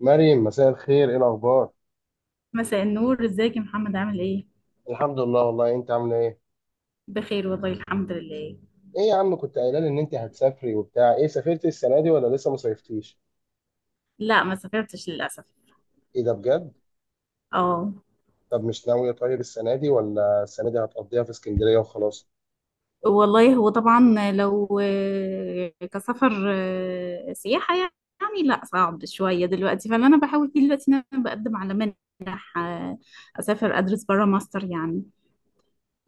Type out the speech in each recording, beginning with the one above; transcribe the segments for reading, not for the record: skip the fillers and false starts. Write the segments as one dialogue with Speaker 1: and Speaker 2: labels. Speaker 1: مريم، مساء الخير، ايه الاخبار؟
Speaker 2: مساء النور، ازيك يا محمد؟ عامل ايه؟
Speaker 1: الحمد لله، والله انت عامله ايه؟
Speaker 2: بخير والله، الحمد لله.
Speaker 1: ايه يا عم، كنت قايله لي ان انت هتسافري وبتاع، ايه سافرتي السنه دي ولا لسه ما صيفتيش؟
Speaker 2: لا، ما سافرتش للاسف.
Speaker 1: ايه ده بجد؟
Speaker 2: اه.
Speaker 1: طب مش ناويه طيب السنه دي، ولا السنه دي هتقضيها في اسكندريه وخلاص؟
Speaker 2: والله هو طبعا لو كسفر، سياحة يعني، لا صعب شوية دلوقتي. فاللي انا بحاول فيه دلوقتي ان انا بقدم على منح، اسافر ادرس برا ماستر يعني.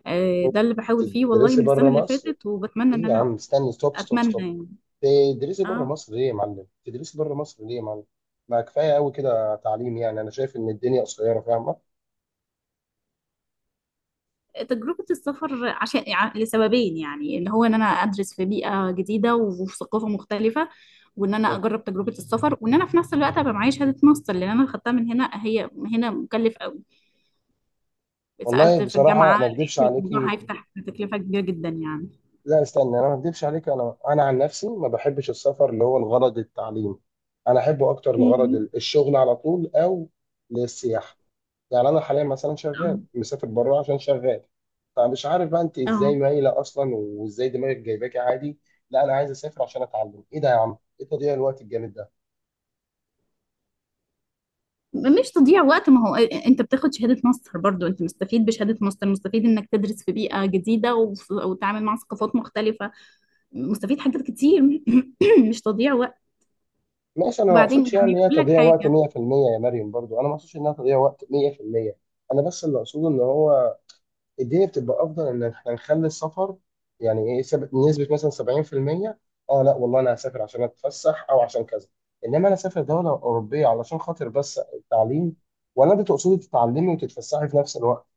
Speaker 2: ده اللي بحاول فيه والله
Speaker 1: تدرسي
Speaker 2: من السنة
Speaker 1: بره
Speaker 2: اللي
Speaker 1: مصر؟
Speaker 2: فاتت، وبتمنى
Speaker 1: ايه
Speaker 2: ان
Speaker 1: يا
Speaker 2: انا
Speaker 1: عم استني، ستوب ستوب
Speaker 2: اتمنى
Speaker 1: ستوب.
Speaker 2: يعني.
Speaker 1: تدرسي بره
Speaker 2: اه.
Speaker 1: مصر ليه يا معلم؟ تدرسي بره مصر ليه يا معلم؟ ما كفايه قوي كده تعليم، يعني انا شايف ان الدنيا قصيره فاهمه.
Speaker 2: تجربة السفر عشان لسببين يعني، اللي هو ان انا ادرس في بيئة جديدة وفي ثقافة مختلفة، وان انا اجرب تجربة السفر، وان انا في نفس الوقت ابقى معايا شهادة ماستر، لان انا خدتها من هنا، هي هنا مكلف قوي.
Speaker 1: والله
Speaker 2: سألت في
Speaker 1: بصراحة
Speaker 2: الجامعة،
Speaker 1: ما اكدبش
Speaker 2: لقيت الموضوع
Speaker 1: عليكي.
Speaker 2: هيفتح تكلفة كبيرة جدا يعني.
Speaker 1: لا استنى، انا ما اكدبش عليك، انا عن نفسي ما بحبش السفر اللي هو الغرض التعليم. انا احبه اكتر لغرض
Speaker 2: مم.
Speaker 1: الشغل على طول او للسياحه. يعني انا حاليا مثلا
Speaker 2: اه.
Speaker 1: شغال مسافر بره عشان شغال. فمش عارف بقى انت
Speaker 2: اه.
Speaker 1: ازاي مايله اصلا، وازاي دماغك جايباكي عادي؟ لا انا عايز اسافر عشان اتعلم، ايه ده يا عم، ايه تضييع الوقت الجامد ده؟
Speaker 2: مش تضييع وقت، ما هو انت بتاخد شهادة ماستر برضو، انت مستفيد بشهادة ماستر، مستفيد انك تدرس في بيئة جديدة وتتعامل مع ثقافات مختلفة، مستفيد حاجات كتير. مش تضييع وقت.
Speaker 1: ماشي، انا ما
Speaker 2: وبعدين
Speaker 1: اقصدش
Speaker 2: يعني
Speaker 1: يعني هي
Speaker 2: اقول لك
Speaker 1: تضييع وقت
Speaker 2: حاجه.
Speaker 1: 100% يا مريم، برضو انا ما اقصدش انها تضييع وقت 100%. انا بس اللي اقصده ان هو الدنيا بتبقى افضل ان احنا نخلي السفر، يعني ايه نسبه مثلا 70%. اه لا والله انا هسافر عشان اتفسح او عشان كذا، انما انا اسافر دوله اوروبيه علشان خاطر بس التعليم، ولا انت تقصدي تتعلمي وتتفسحي في نفس الوقت؟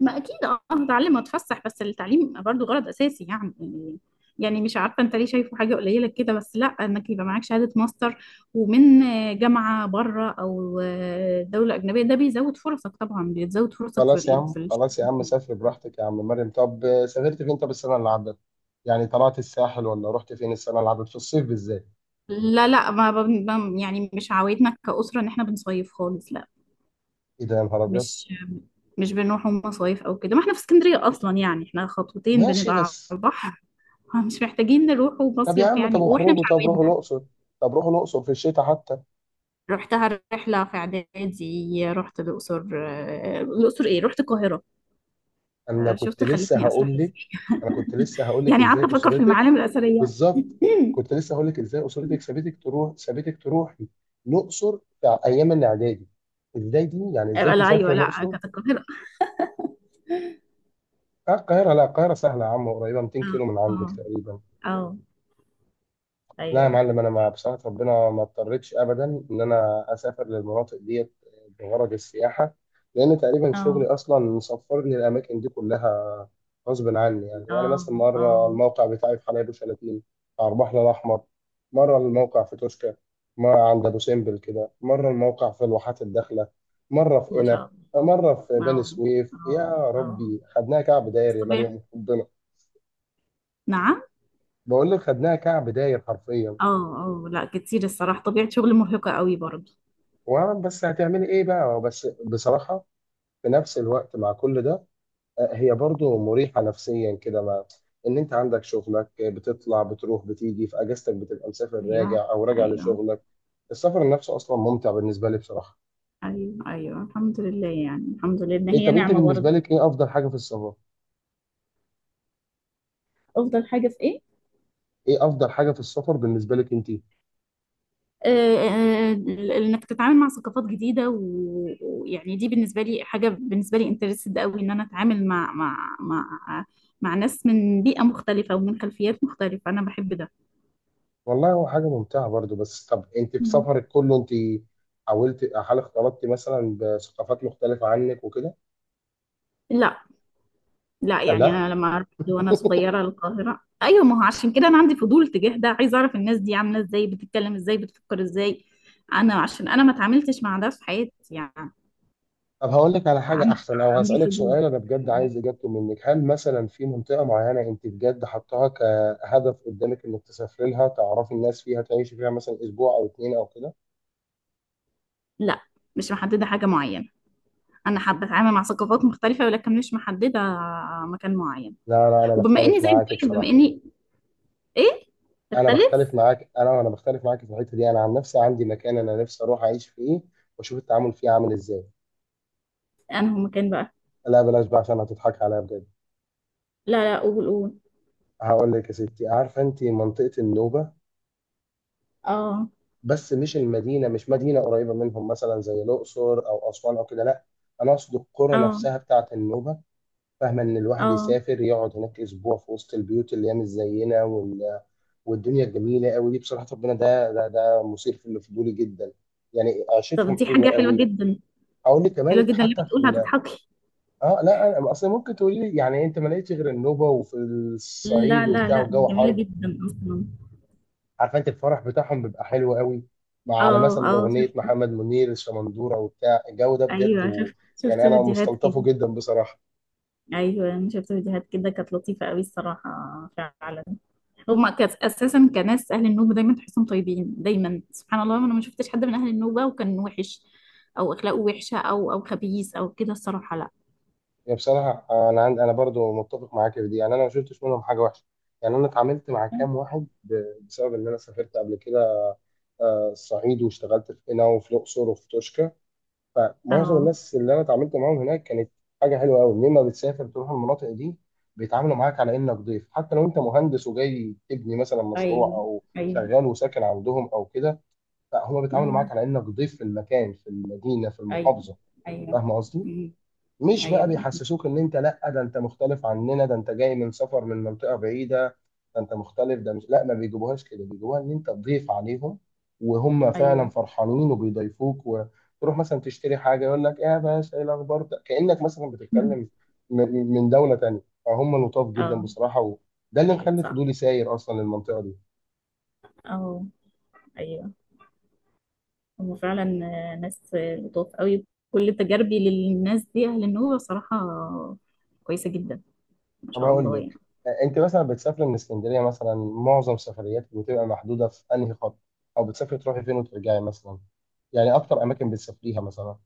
Speaker 2: ما اكيد اه هتعلم واتفسح، بس التعليم برضو غرض اساسي يعني. يعني مش عارفه انت ليه شايفه حاجه قليله كده؟ بس لا، انك يبقى معاك شهاده ماستر ومن جامعه بره او دوله اجنبيه، ده بيزود فرصك طبعا، بيزود فرصك في
Speaker 1: خلاص يا
Speaker 2: ال-
Speaker 1: عم،
Speaker 2: في الش-
Speaker 1: خلاص يا عم، سافر براحتك يا عم، مريم طب سافرت فين طب السنه اللي عدت؟ يعني طلعت الساحل ولا رحت فين السنه اللي عدت في الصيف بالذات؟
Speaker 2: لا لا ما ب- ب- يعني مش عوايدنا كاسره ان احنا بنصيف خالص، لا.
Speaker 1: ايه ده يا نهار ابيض.
Speaker 2: مش مش بنروحوا مصايف او كده، ما احنا في اسكندريه اصلا يعني، احنا خطوتين
Speaker 1: ماشي
Speaker 2: بنبقى على
Speaker 1: بس.
Speaker 2: البحر. مش محتاجين نروح
Speaker 1: طب يا
Speaker 2: ومصيف
Speaker 1: عم،
Speaker 2: يعني
Speaker 1: طب
Speaker 2: واحنا مش
Speaker 1: اخرجوا، طب روحوا
Speaker 2: عاملينها.
Speaker 1: الاقصر، طب روحوا الاقصر في الشتاء حتى.
Speaker 2: رحتها رحلة في إعدادي، رحت الأقصر، آه، الأقصر إيه رحت القاهرة.
Speaker 1: انا كنت
Speaker 2: شفت
Speaker 1: لسه
Speaker 2: خلتني أسرح
Speaker 1: هقول
Speaker 2: إزاي؟
Speaker 1: لك، انا كنت لسه هقول لك
Speaker 2: يعني قعدت
Speaker 1: ازاي
Speaker 2: أفكر في
Speaker 1: اسرتك.
Speaker 2: المعالم الأثرية.
Speaker 1: بالظبط. كنت لسه هقول لك ازاي اسرتك، سابتك تروحي الاقصر في ايام الاعدادي، ازاي دي، يعني ازاي
Speaker 2: لا أيوه،
Speaker 1: تسافري
Speaker 2: لا
Speaker 1: الاقصر؟
Speaker 2: كانت القاهرة.
Speaker 1: آه القاهره، لا القاهره سهله يا عم، قريبه 200
Speaker 2: اه.
Speaker 1: كيلو من عندك
Speaker 2: اه.
Speaker 1: تقريبا.
Speaker 2: آه.
Speaker 1: لا يا
Speaker 2: أيوه.
Speaker 1: معلم، انا مع بصراحه ربنا ما اضطريتش ابدا ان انا اسافر للمناطق ديت بغرض السياحه، لان تقريبا شغلي
Speaker 2: اه.
Speaker 1: اصلا سفرني الاماكن دي كلها غصب عني، يعني مثلا
Speaker 2: اه. اه.
Speaker 1: مره الموقع بتاعي في حلايب وشلاتين على البحر الاحمر، مره الموقع في توشكا، مره عند ابو سمبل كده، مره الموقع في الواحات الداخله، مره في
Speaker 2: ما
Speaker 1: قنا،
Speaker 2: شاء الله.
Speaker 1: مره في بني
Speaker 2: اه.
Speaker 1: سويف، يا
Speaker 2: اه. اه.
Speaker 1: ربي خدناها كعب
Speaker 2: بس
Speaker 1: داير يا
Speaker 2: طبيعة.
Speaker 1: مريم ربنا.
Speaker 2: نعم.
Speaker 1: بقول لك خدناها كعب داير حرفيا.
Speaker 2: اه. اه. لا كتير الصراحة، طبيعة شغل مرهقة قوي برضه.
Speaker 1: وانا بس هتعملي ايه بقى، بس بصراحه في نفس الوقت مع كل ده هي برضو مريحه نفسيا كده، ما ان انت عندك شغلك، بتطلع بتروح بتيجي في اجازتك، بتبقى مسافر
Speaker 2: أيوه.
Speaker 1: راجع او راجع
Speaker 2: أيوه.
Speaker 1: لشغلك. السفر نفسه اصلا ممتع بالنسبه لي بصراحه.
Speaker 2: ايوه ايوه، الحمد لله يعني، الحمد لله ان
Speaker 1: إيه
Speaker 2: هي
Speaker 1: طب انت
Speaker 2: نعمه
Speaker 1: بالنسبه
Speaker 2: برضه.
Speaker 1: لك، ايه افضل حاجه في السفر؟
Speaker 2: افضل حاجه في ايه؟
Speaker 1: ايه افضل حاجه في السفر بالنسبه لك انت؟
Speaker 2: آه. آه. انك تتعامل مع ثقافات جديده، ويعني دي بالنسبه لي حاجه، بالنسبه لي انترستد قوي ان انا اتعامل مع مع ناس من بيئه مختلفه ومن خلفيات مختلفه، انا بحب ده.
Speaker 1: والله هو حاجه ممتعه برضو، بس طب انت في
Speaker 2: مم.
Speaker 1: سفرك كله انت حاولت، هل اختلطتي مثلا بثقافات مختلفه عنك وكده؟
Speaker 2: لا. لا
Speaker 1: كان
Speaker 2: يعني
Speaker 1: لا.
Speaker 2: انا لما رحت وانا صغيره القاهره، ايوه، ما هو عشان كده انا عندي فضول تجاه ده، عايزه اعرف الناس دي عامله ازاي، بتتكلم ازاي، بتفكر ازاي. انا عشان انا ما اتعاملتش مع ده في حياتي يعني.
Speaker 1: طب هقول لك على حاجة
Speaker 2: عندي
Speaker 1: أحسن أو
Speaker 2: عندي
Speaker 1: هسألك
Speaker 2: فضول.
Speaker 1: سؤال أنا بجد عايز إجابته منك، هل مثلا في منطقة معينة أنت بجد حطاها كهدف قدامك إنك تسافري لها تعرفي الناس فيها تعيشي فيها مثلا أسبوع أو اتنين أو كده؟
Speaker 2: لا، مش محددة حاجة معينة. أنا حابة أتعامل مع ثقافات مختلفة ولكن مش محددة مكان معين.
Speaker 1: لا لا، أنا
Speaker 2: وبما إني
Speaker 1: بختلف
Speaker 2: زي ما
Speaker 1: معاك
Speaker 2: بقولك، بما
Speaker 1: بصراحة،
Speaker 2: إني إيه،
Speaker 1: أنا
Speaker 2: تختلف.
Speaker 1: بختلف معاك، أنا بختلف معاك في الحتة دي. أنا عن نفسي عندي مكان أنا نفسي أروح أعيش فيه وأشوف التعامل فيه عامل إزاي.
Speaker 2: أنا هو مكان بقى.
Speaker 1: لا بلاش بقى عشان هتضحك عليا بجد.
Speaker 2: لا لا، قول قول.
Speaker 1: هقول لك يا ستي، عارفة أنت منطقة النوبة؟
Speaker 2: آه.
Speaker 1: بس مش مدينه قريبه منهم مثلا زي الاقصر او اسوان او كده، لا انا اقصد القرى
Speaker 2: آه.
Speaker 1: نفسها بتاعه النوبه. فاهمه ان الواحد
Speaker 2: آه.
Speaker 1: يسافر يقعد هناك اسبوع في وسط البيوت اللي هي مش زينا والدنيا الجميله قوي دي، بصراحه ربنا ده مثير في الفضول جدا، يعني
Speaker 2: طب
Speaker 1: عيشتهم
Speaker 2: دي حاجة
Speaker 1: حلوه
Speaker 2: حلوة
Speaker 1: قوي.
Speaker 2: جدا.
Speaker 1: اقول لي
Speaker 2: حلوة
Speaker 1: كمان
Speaker 2: جدا اللي
Speaker 1: حتى في
Speaker 2: بتقولها،
Speaker 1: ال.
Speaker 2: هتضحكي.
Speaker 1: اه لا انا اصل ممكن تقولي لي، يعني انت ما لقيتش غير النوبه وفي
Speaker 2: لا
Speaker 1: الصعيد
Speaker 2: لا
Speaker 1: وبتاع
Speaker 2: لا،
Speaker 1: والجو
Speaker 2: جميلة
Speaker 1: حر.
Speaker 2: جدا أصلا.
Speaker 1: عارف انت الفرح بتاعهم بيبقى حلو قوي، مع على
Speaker 2: آه
Speaker 1: مثلا
Speaker 2: آه،
Speaker 1: اغنيه
Speaker 2: شفت.
Speaker 1: محمد منير الشمندوره وبتاع الجو ده بجد،
Speaker 2: أيوه
Speaker 1: و...
Speaker 2: شفت، شفت
Speaker 1: يعني انا
Speaker 2: فيديوهات كده.
Speaker 1: مستلطفه جدا بصراحه.
Speaker 2: أيوه أنا شفت فيديوهات كده، كانت لطيفة أوي الصراحة. فعلا. هما كاس اساسا كناس اهل النوبه، دايما تحسهم طيبين، دايما سبحان الله، انا ما شفتش حد من اهل النوبه وكان وحش، او اخلاقه وحشه او او خبيث او كده الصراحه، لا.
Speaker 1: يعني بصراحه، انا عند انا برضو متفق معاك في دي، يعني انا ما شفتش منهم حاجه وحشه. يعني انا اتعاملت مع كام واحد ب. بسبب ان انا سافرت قبل كده الصعيد، واشتغلت في قنا وفي الاقصر وفي توشكا، فمعظم
Speaker 2: اه.
Speaker 1: الناس اللي انا اتعاملت معاهم هناك كانت حاجه حلوه قوي. لما بتسافر تروح المناطق دي بيتعاملوا معاك على انك ضيف، حتى لو انت مهندس وجاي تبني مثلا مشروع
Speaker 2: ايوه
Speaker 1: او
Speaker 2: ايوه.
Speaker 1: شغال وساكن عندهم او كده، فهم بيتعاملوا معاك
Speaker 2: اه.
Speaker 1: على انك ضيف في المكان، في المدينه، في
Speaker 2: ايوه
Speaker 1: المحافظه.
Speaker 2: ايوه.
Speaker 1: فاهم قصدي؟
Speaker 2: أمم.
Speaker 1: مش بقى
Speaker 2: ايوه
Speaker 1: بيحسسوك ان انت، لا ده انت مختلف عننا، ده انت جاي من سفر من منطقة بعيدة، ده انت مختلف، ده مش لا ما بيجيبوهاش كده، بيجيبوها ان انت تضيف عليهم، وهم فعلا
Speaker 2: ايوه.
Speaker 1: فرحانين وبيضيفوك، وتروح مثلا تشتري حاجة يقول لك ايه يا باشا ايه الاخبار، ده كأنك مثلا بتتكلم من دولة تانية، فهم لطاف جدا
Speaker 2: اه.
Speaker 1: بصراحة، وده اللي
Speaker 2: ايوه
Speaker 1: مخلي
Speaker 2: صح.
Speaker 1: فضولي ساير اصلا للمنطقة دي.
Speaker 2: اه. ايوه. هم فعلا ناس لطاف قوي. كل تجاربي للناس دي اهل النوبه صراحه كويسه جدا، ما
Speaker 1: طب
Speaker 2: شاء
Speaker 1: هقول
Speaker 2: الله يعني.
Speaker 1: لك، انت مثلا بتسافري من اسكندريه مثلا، معظم سفرياتك بتبقى محدوده في انهي خط، او بتسافري تروحي فين وترجعي مثلا؟ يعني اكتر اماكن بتسافريها مثلا؟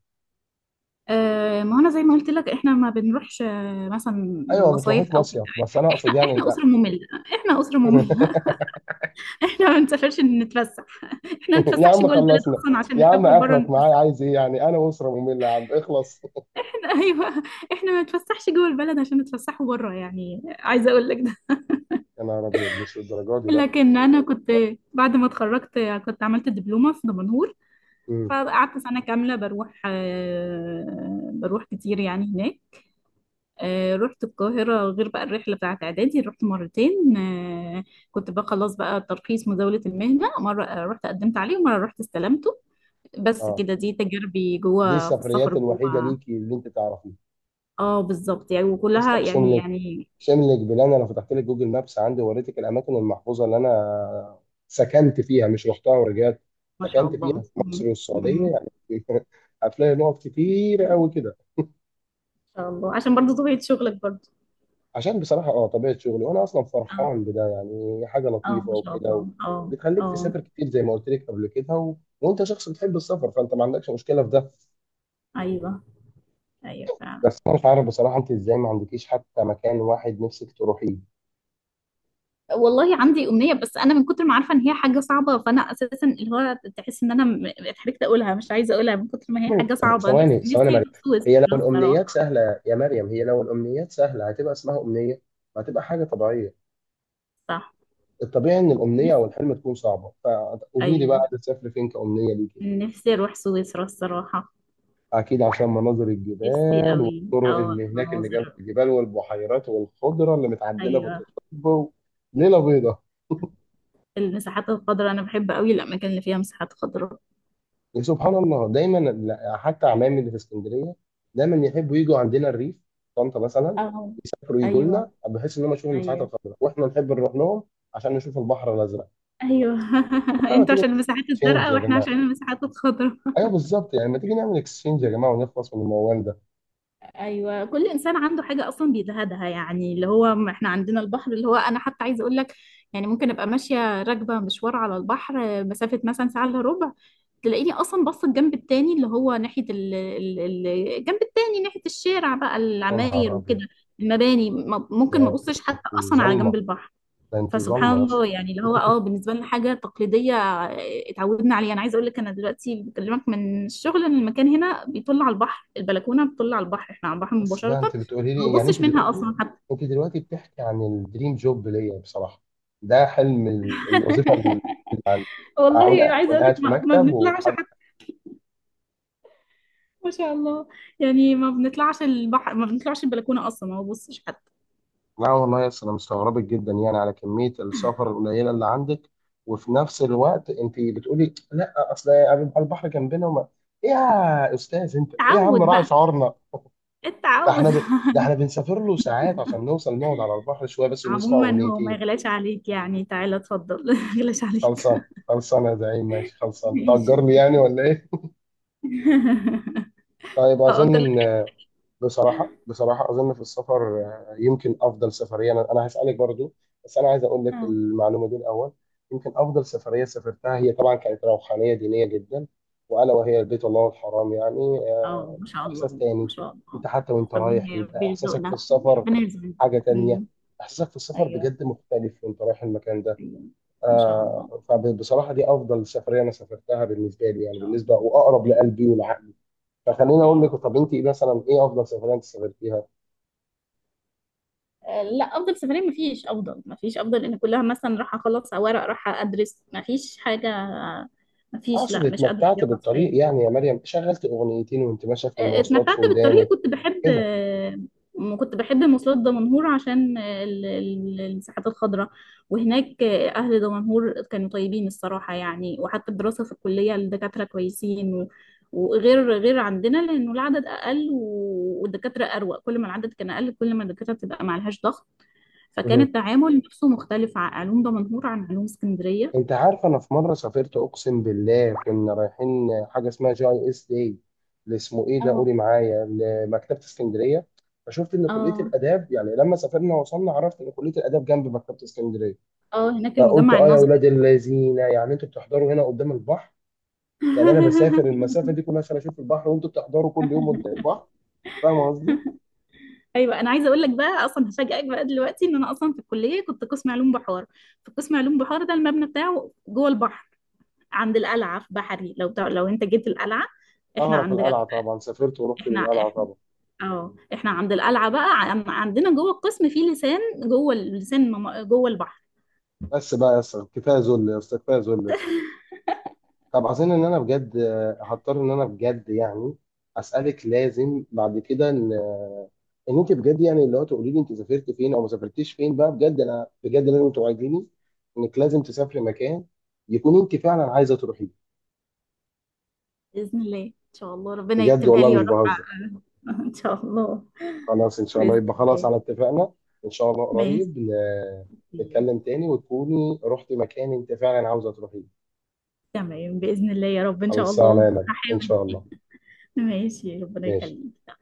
Speaker 2: ما هو انا زي ما قلت لك احنا ما بنروحش، مثلا
Speaker 1: ايوه ما
Speaker 2: مصايف
Speaker 1: بتروحيش
Speaker 2: او كده.
Speaker 1: مصيف بس انا
Speaker 2: احنا
Speaker 1: اقصد يعني،
Speaker 2: احنا
Speaker 1: لا.
Speaker 2: اسره ممله. احنا اسره ممله. احنا ما بنسافرش نتفسح، احنا ما
Speaker 1: يا
Speaker 2: نتفسحش
Speaker 1: عم
Speaker 2: جوه البلد
Speaker 1: خلصنا،
Speaker 2: اصلا عشان
Speaker 1: يا عم
Speaker 2: نسافر بره
Speaker 1: اخرك معايا
Speaker 2: نتفسح.
Speaker 1: عايز ايه، يعني انا اسره ممله يا عم اخلص.
Speaker 2: احنا ايوه، احنا ما نتفسحش جوه البلد عشان نتفسحوا بره، يعني عايزه اقول لك ده.
Speaker 1: يا نهار ابيض، مش الدرجه دي لا.
Speaker 2: لكن انا كنت بعد ما اتخرجت كنت عملت دبلومه في دمنهور،
Speaker 1: امم.
Speaker 2: فقعدت سنه كامله بروح، بروح كتير يعني هناك. رحت القاهرة غير بقى الرحلة بتاعت إعدادي، رحت مرتين. كنت بقى خلاص بقى ترخيص مزاولة المهنة، مرة رحت قدمت عليه، ومرة رحت استلمته. بس
Speaker 1: اه
Speaker 2: كده، دي تجاربي
Speaker 1: دي
Speaker 2: جوه في السفر
Speaker 1: السفريات
Speaker 2: جوه.
Speaker 1: الوحيده ليكي اللي انت تعرفيها.
Speaker 2: اه بالظبط يعني، وكلها
Speaker 1: استقسم
Speaker 2: يعني
Speaker 1: لك
Speaker 2: يعني.
Speaker 1: شامل جبال، انا لو فتحت لك جوجل مابس عندي ووريتك الاماكن المحفوظه اللي انا سكنت فيها مش رحتها ورجعت،
Speaker 2: ما شاء
Speaker 1: سكنت فيها
Speaker 2: الله.
Speaker 1: في
Speaker 2: مم.
Speaker 1: مصر والسعوديه
Speaker 2: مم.
Speaker 1: يعني. هتلاقي نقط كتير قوي كده،
Speaker 2: ما شاء الله عشان برضو طبيعة شغلك برضو.
Speaker 1: عشان بصراحه اه طبيعه شغلي، وانا اصلا فرحان
Speaker 2: اه.
Speaker 1: بده، يعني حاجه
Speaker 2: اه
Speaker 1: لطيفه
Speaker 2: ما شاء
Speaker 1: وكده، و...
Speaker 2: الله اه
Speaker 1: بتخليك
Speaker 2: اه.
Speaker 1: تسافر كتير زي ما قلت لك قبل كده، و... وانت شخص بتحب السفر فانت ما عندكش مشكله في ده،
Speaker 2: ايوه. ايوه فعلا.
Speaker 1: بس انا مش عارف بصراحه انت ازاي ما عندكيش حتى مكان واحد نفسك تروحيه.
Speaker 2: والله عندي أمنية، بس أنا من كتر ما عارفة إن هي حاجة صعبة، فأنا أساسا اللي هو تحس إن أنا اتحركت أقولها، مش عايزة أقولها من كتر ما هي حاجة
Speaker 1: طب
Speaker 2: صعبة. نفسي،
Speaker 1: ثواني ثواني
Speaker 2: نفسي
Speaker 1: مريم،
Speaker 2: أروح سويسرا
Speaker 1: هي لو الأمنيات
Speaker 2: الصراحة.
Speaker 1: سهلة يا مريم، هي لو الأمنيات سهلة هتبقى اسمها أمنية؟ وهتبقى حاجة طبيعية.
Speaker 2: صح.
Speaker 1: الطبيعي إن الأمنية أو
Speaker 2: نفسي.
Speaker 1: الحلم تكون صعبة، فقولي لي بقى
Speaker 2: أيوه.
Speaker 1: عايزة تسافري فين كأمنية ليكي؟
Speaker 2: نفسي أروح سويسرا الصراحة.
Speaker 1: أكيد عشان مناظر
Speaker 2: نفسي
Speaker 1: الجبال،
Speaker 2: أوي
Speaker 1: الطرق
Speaker 2: أو
Speaker 1: اللي هناك اللي جنب
Speaker 2: مناظر.
Speaker 1: الجبال والبحيرات والخضرة اللي متعدلة في
Speaker 2: أيوه.
Speaker 1: التصوير، ليلة بيضاء.
Speaker 2: المساحات الخضراء، أنا بحب أوي الأماكن اللي فيها مساحات خضراء.
Speaker 1: يا سبحان الله دايما، لا، حتى عمامي اللي في اسكندرية دايما يحبوا يجوا عندنا الريف، طنطا مثلا،
Speaker 2: أه.
Speaker 1: يسافروا يجوا لنا
Speaker 2: أيوه.
Speaker 1: بحيث ان هم يشوفوا المساحات
Speaker 2: أيوه.
Speaker 1: الخضراء، واحنا نحب نروح لهم عشان نشوف البحر الازرق.
Speaker 2: أيوه.
Speaker 1: طب ما
Speaker 2: أنتوا
Speaker 1: تيجي
Speaker 2: عشان المساحات
Speaker 1: اكسشينج
Speaker 2: الزرقاء
Speaker 1: يا
Speaker 2: وإحنا
Speaker 1: جماعه،
Speaker 2: عشان المساحات الخضراء.
Speaker 1: ايوه بالظبط يعني، ما تيجي نعمل اكسشينج يا جماعه ونخلص من الموال ده.
Speaker 2: ايوه، كل انسان عنده حاجه اصلا بيزهدها، يعني اللي هو احنا عندنا البحر، اللي هو انا حتى عايزه اقول لك يعني، ممكن ابقى ماشيه راكبه مشوار على البحر، مسافه مثلا ساعه الا ربع، تلاقيني اصلا بص الجنب التاني اللي هو ناحيه الجنب التاني ناحيه الشارع بقى،
Speaker 1: يا
Speaker 2: العماير
Speaker 1: نهار
Speaker 2: وكده،
Speaker 1: ابيض،
Speaker 2: المباني ممكن ما
Speaker 1: ده
Speaker 2: بصش حتى
Speaker 1: انت
Speaker 2: اصلا على
Speaker 1: ظلمه،
Speaker 2: جنب البحر.
Speaker 1: ده انت
Speaker 2: فسبحان
Speaker 1: ظلمه يا اسطى.
Speaker 2: الله يعني، اللي هو اه بالنسبه لنا حاجه تقليديه، اتعودنا عليها. انا عايزه اقول لك انا دلوقتي بكلمك من الشغل، ان المكان هنا بيطل على البحر، البلكونه بتطل على البحر، احنا على البحر
Speaker 1: بس ده
Speaker 2: مباشره،
Speaker 1: انت بتقولي
Speaker 2: ما
Speaker 1: لي يعني انت
Speaker 2: ببصش منها
Speaker 1: دلوقتي،
Speaker 2: اصلا حتى.
Speaker 1: انت دلوقتي بتحكي عن الدريم جوب ليا بصراحه، ده حلم الوظيفه اللي عندي، اكون
Speaker 2: والله عايزه
Speaker 1: أكون
Speaker 2: اقول لك
Speaker 1: قاعد في
Speaker 2: ما
Speaker 1: مكتب
Speaker 2: بنطلعش
Speaker 1: وحاجه.
Speaker 2: حتى. ما شاء الله يعني، ما بنطلعش البحر، ما بنطلعش البلكونه اصلا، ما ببصش حتى.
Speaker 1: لا والله يا أسطى، انا مستغربك جدا يعني على كميه السفر القليله اللي عندك، وفي نفس الوقت انت بتقولي لا اصل يبقى البحر جنبنا وما، إيه يا استاذ انت، ايه يا عم
Speaker 2: تعود
Speaker 1: راعي
Speaker 2: بقى.
Speaker 1: شعورنا. ده
Speaker 2: التعود.
Speaker 1: احنا ب، ده احنا بنسافر له ساعات عشان نوصل نقعد على البحر شويه بس ونسمع
Speaker 2: عموما هو ما
Speaker 1: اغنيتين.
Speaker 2: يغلاش عليك يعني، تعالى اتفضل، ما يغلاش عليك.
Speaker 1: خلصان، خلصان يا زعيم، ماشي خلصان،
Speaker 2: ماشي.
Speaker 1: تأجرني يعني ولا ايه؟ طيب اظن
Speaker 2: هأجر لك
Speaker 1: ان، بصراحة بصراحة أظن في السفر، يمكن أفضل سفرية، أنا أنا هسألك برضو، بس أنا عايز أقول لك
Speaker 2: حتة.
Speaker 1: المعلومة دي الأول. يمكن أفضل سفرية سافرتها هي طبعا كانت روحانية دينية جدا، وألا وهي بيت الله الحرام يعني
Speaker 2: اه ما شاء
Speaker 1: إحساس
Speaker 2: الله، ما
Speaker 1: تاني،
Speaker 2: شاء الله.
Speaker 1: أنت حتى وأنت رايح
Speaker 2: ربنا، ربنا
Speaker 1: بيبقى إحساسك في
Speaker 2: يرزقنا.
Speaker 1: السفر
Speaker 2: ربنا يرزقنا.
Speaker 1: حاجة تانية،
Speaker 2: امم.
Speaker 1: إحساسك في السفر
Speaker 2: ايوه.
Speaker 1: بجد مختلف وأنت رايح المكان ده.
Speaker 2: ايوه. ما شاء الله ما
Speaker 1: فبصراحة دي أفضل سفرية أنا سافرتها بالنسبة لي، يعني
Speaker 2: شاء
Speaker 1: بالنسبة
Speaker 2: الله.
Speaker 1: وأقرب
Speaker 2: ايوه.
Speaker 1: لقلبي والعقل. فخليني اقول لك،
Speaker 2: ايوه.
Speaker 1: طب انت إيه مثلا، ايه افضل سفريه انت سافرتيها؟
Speaker 2: لا افضل سفرية ما فيش افضل، ما فيش افضل، ان كلها مثلا راح اخلص ورق، راح ادرس، ما فيش حاجة. ما فيش،
Speaker 1: اقصد
Speaker 2: لا مش قادرة
Speaker 1: اتمتعت
Speaker 2: اجاوب على
Speaker 1: بالطريق
Speaker 2: السؤال.
Speaker 1: يعني يا مريم، شغلت اغنيتين وانت ماشيه في المواصلات
Speaker 2: اتمتعت
Speaker 1: في
Speaker 2: بالطريق،
Speaker 1: ودانك
Speaker 2: كنت بحب،
Speaker 1: كده.
Speaker 2: كنت بحب مواصلات دمنهور عشان الساحات الخضراء. وهناك أهل دمنهور كانوا طيبين الصراحة يعني، وحتى الدراسة في الكلية الدكاترة كويسين، وغير غير عندنا، لأنه العدد أقل والدكاترة أروق، كل ما العدد كان أقل كل ما الدكاترة بتبقى معلهاش ضغط. فكان
Speaker 1: مهم.
Speaker 2: التعامل نفسه مختلف، علوم دمنهور عن علوم اسكندرية.
Speaker 1: انت عارفه انا في مره سافرت اقسم بالله، كنا رايحين حاجه اسمها جي اي اس داي، اللي اسمه ايه ده
Speaker 2: اه.
Speaker 1: قولي معايا، لمكتبه اسكندريه. فشفت ان كليه
Speaker 2: اه.
Speaker 1: الاداب، يعني لما سافرنا وصلنا عرفت ان كليه الاداب جنب مكتبه اسكندريه،
Speaker 2: اه هناك
Speaker 1: فقلت
Speaker 2: المجمع
Speaker 1: اه يا
Speaker 2: النظري.
Speaker 1: اولاد اللذينه، يعني انتوا بتحضروا هنا قدام البحر، يعني انا بسافر المسافه دي كلها عشان اشوف البحر، وانتوا بتحضروا كل يوم قدام البحر. فاهم قصدي؟
Speaker 2: ايوه، انا عايزه اقول لك بقى، اصلا هفاجئك بقى دلوقتي ان انا اصلا في الكليه كنت قسم علوم بحار. في قسم علوم بحار ده المبنى بتاعه جوه البحر، عند القلعه في بحري، لو انت جيت القلعه احنا
Speaker 1: اعرف
Speaker 2: عند
Speaker 1: القلعه طبعا، سافرت ورحت
Speaker 2: احنا
Speaker 1: للقلعه
Speaker 2: احنا
Speaker 1: طبعا.
Speaker 2: اه احنا عند القلعه بقى، عندنا جوه القسم في لسان، جوه اللسان، جوه البحر.
Speaker 1: بس بقى يا اسطى، كفايه ذل يا اسطى، كفايه ذل يا اسطى. طب عايزين ان انا بجد هضطر ان انا بجد يعني اسالك لازم بعد كده، ان ان انت بجد يعني اللي هو تقولي لي انت سافرت فين او ما سافرتيش فين بقى، بجد انا بجد لازم توعديني انك لازم تسافري مكان يكون انت فعلا عايزه تروحيه.
Speaker 2: باذن الله ان شاء الله ربنا
Speaker 1: بجد
Speaker 2: يكتبها
Speaker 1: والله
Speaker 2: لي
Speaker 1: مش
Speaker 2: واروح
Speaker 1: بهزر.
Speaker 2: ان شاء الله.
Speaker 1: خلاص ان شاء الله،
Speaker 2: باذن
Speaker 1: يبقى خلاص
Speaker 2: الله.
Speaker 1: على اتفاقنا، ان شاء الله
Speaker 2: ماشي.
Speaker 1: قريب نتكلم تاني وتكوني رحتي مكان انت فعلا عاوزه تروحيه.
Speaker 2: تمام باذن الله يا رب ان شاء
Speaker 1: خلصانه يا
Speaker 2: الله
Speaker 1: مريم ان
Speaker 2: هحاول.
Speaker 1: شاء الله.
Speaker 2: ماشي ربنا
Speaker 1: ماشي.
Speaker 2: يخليك.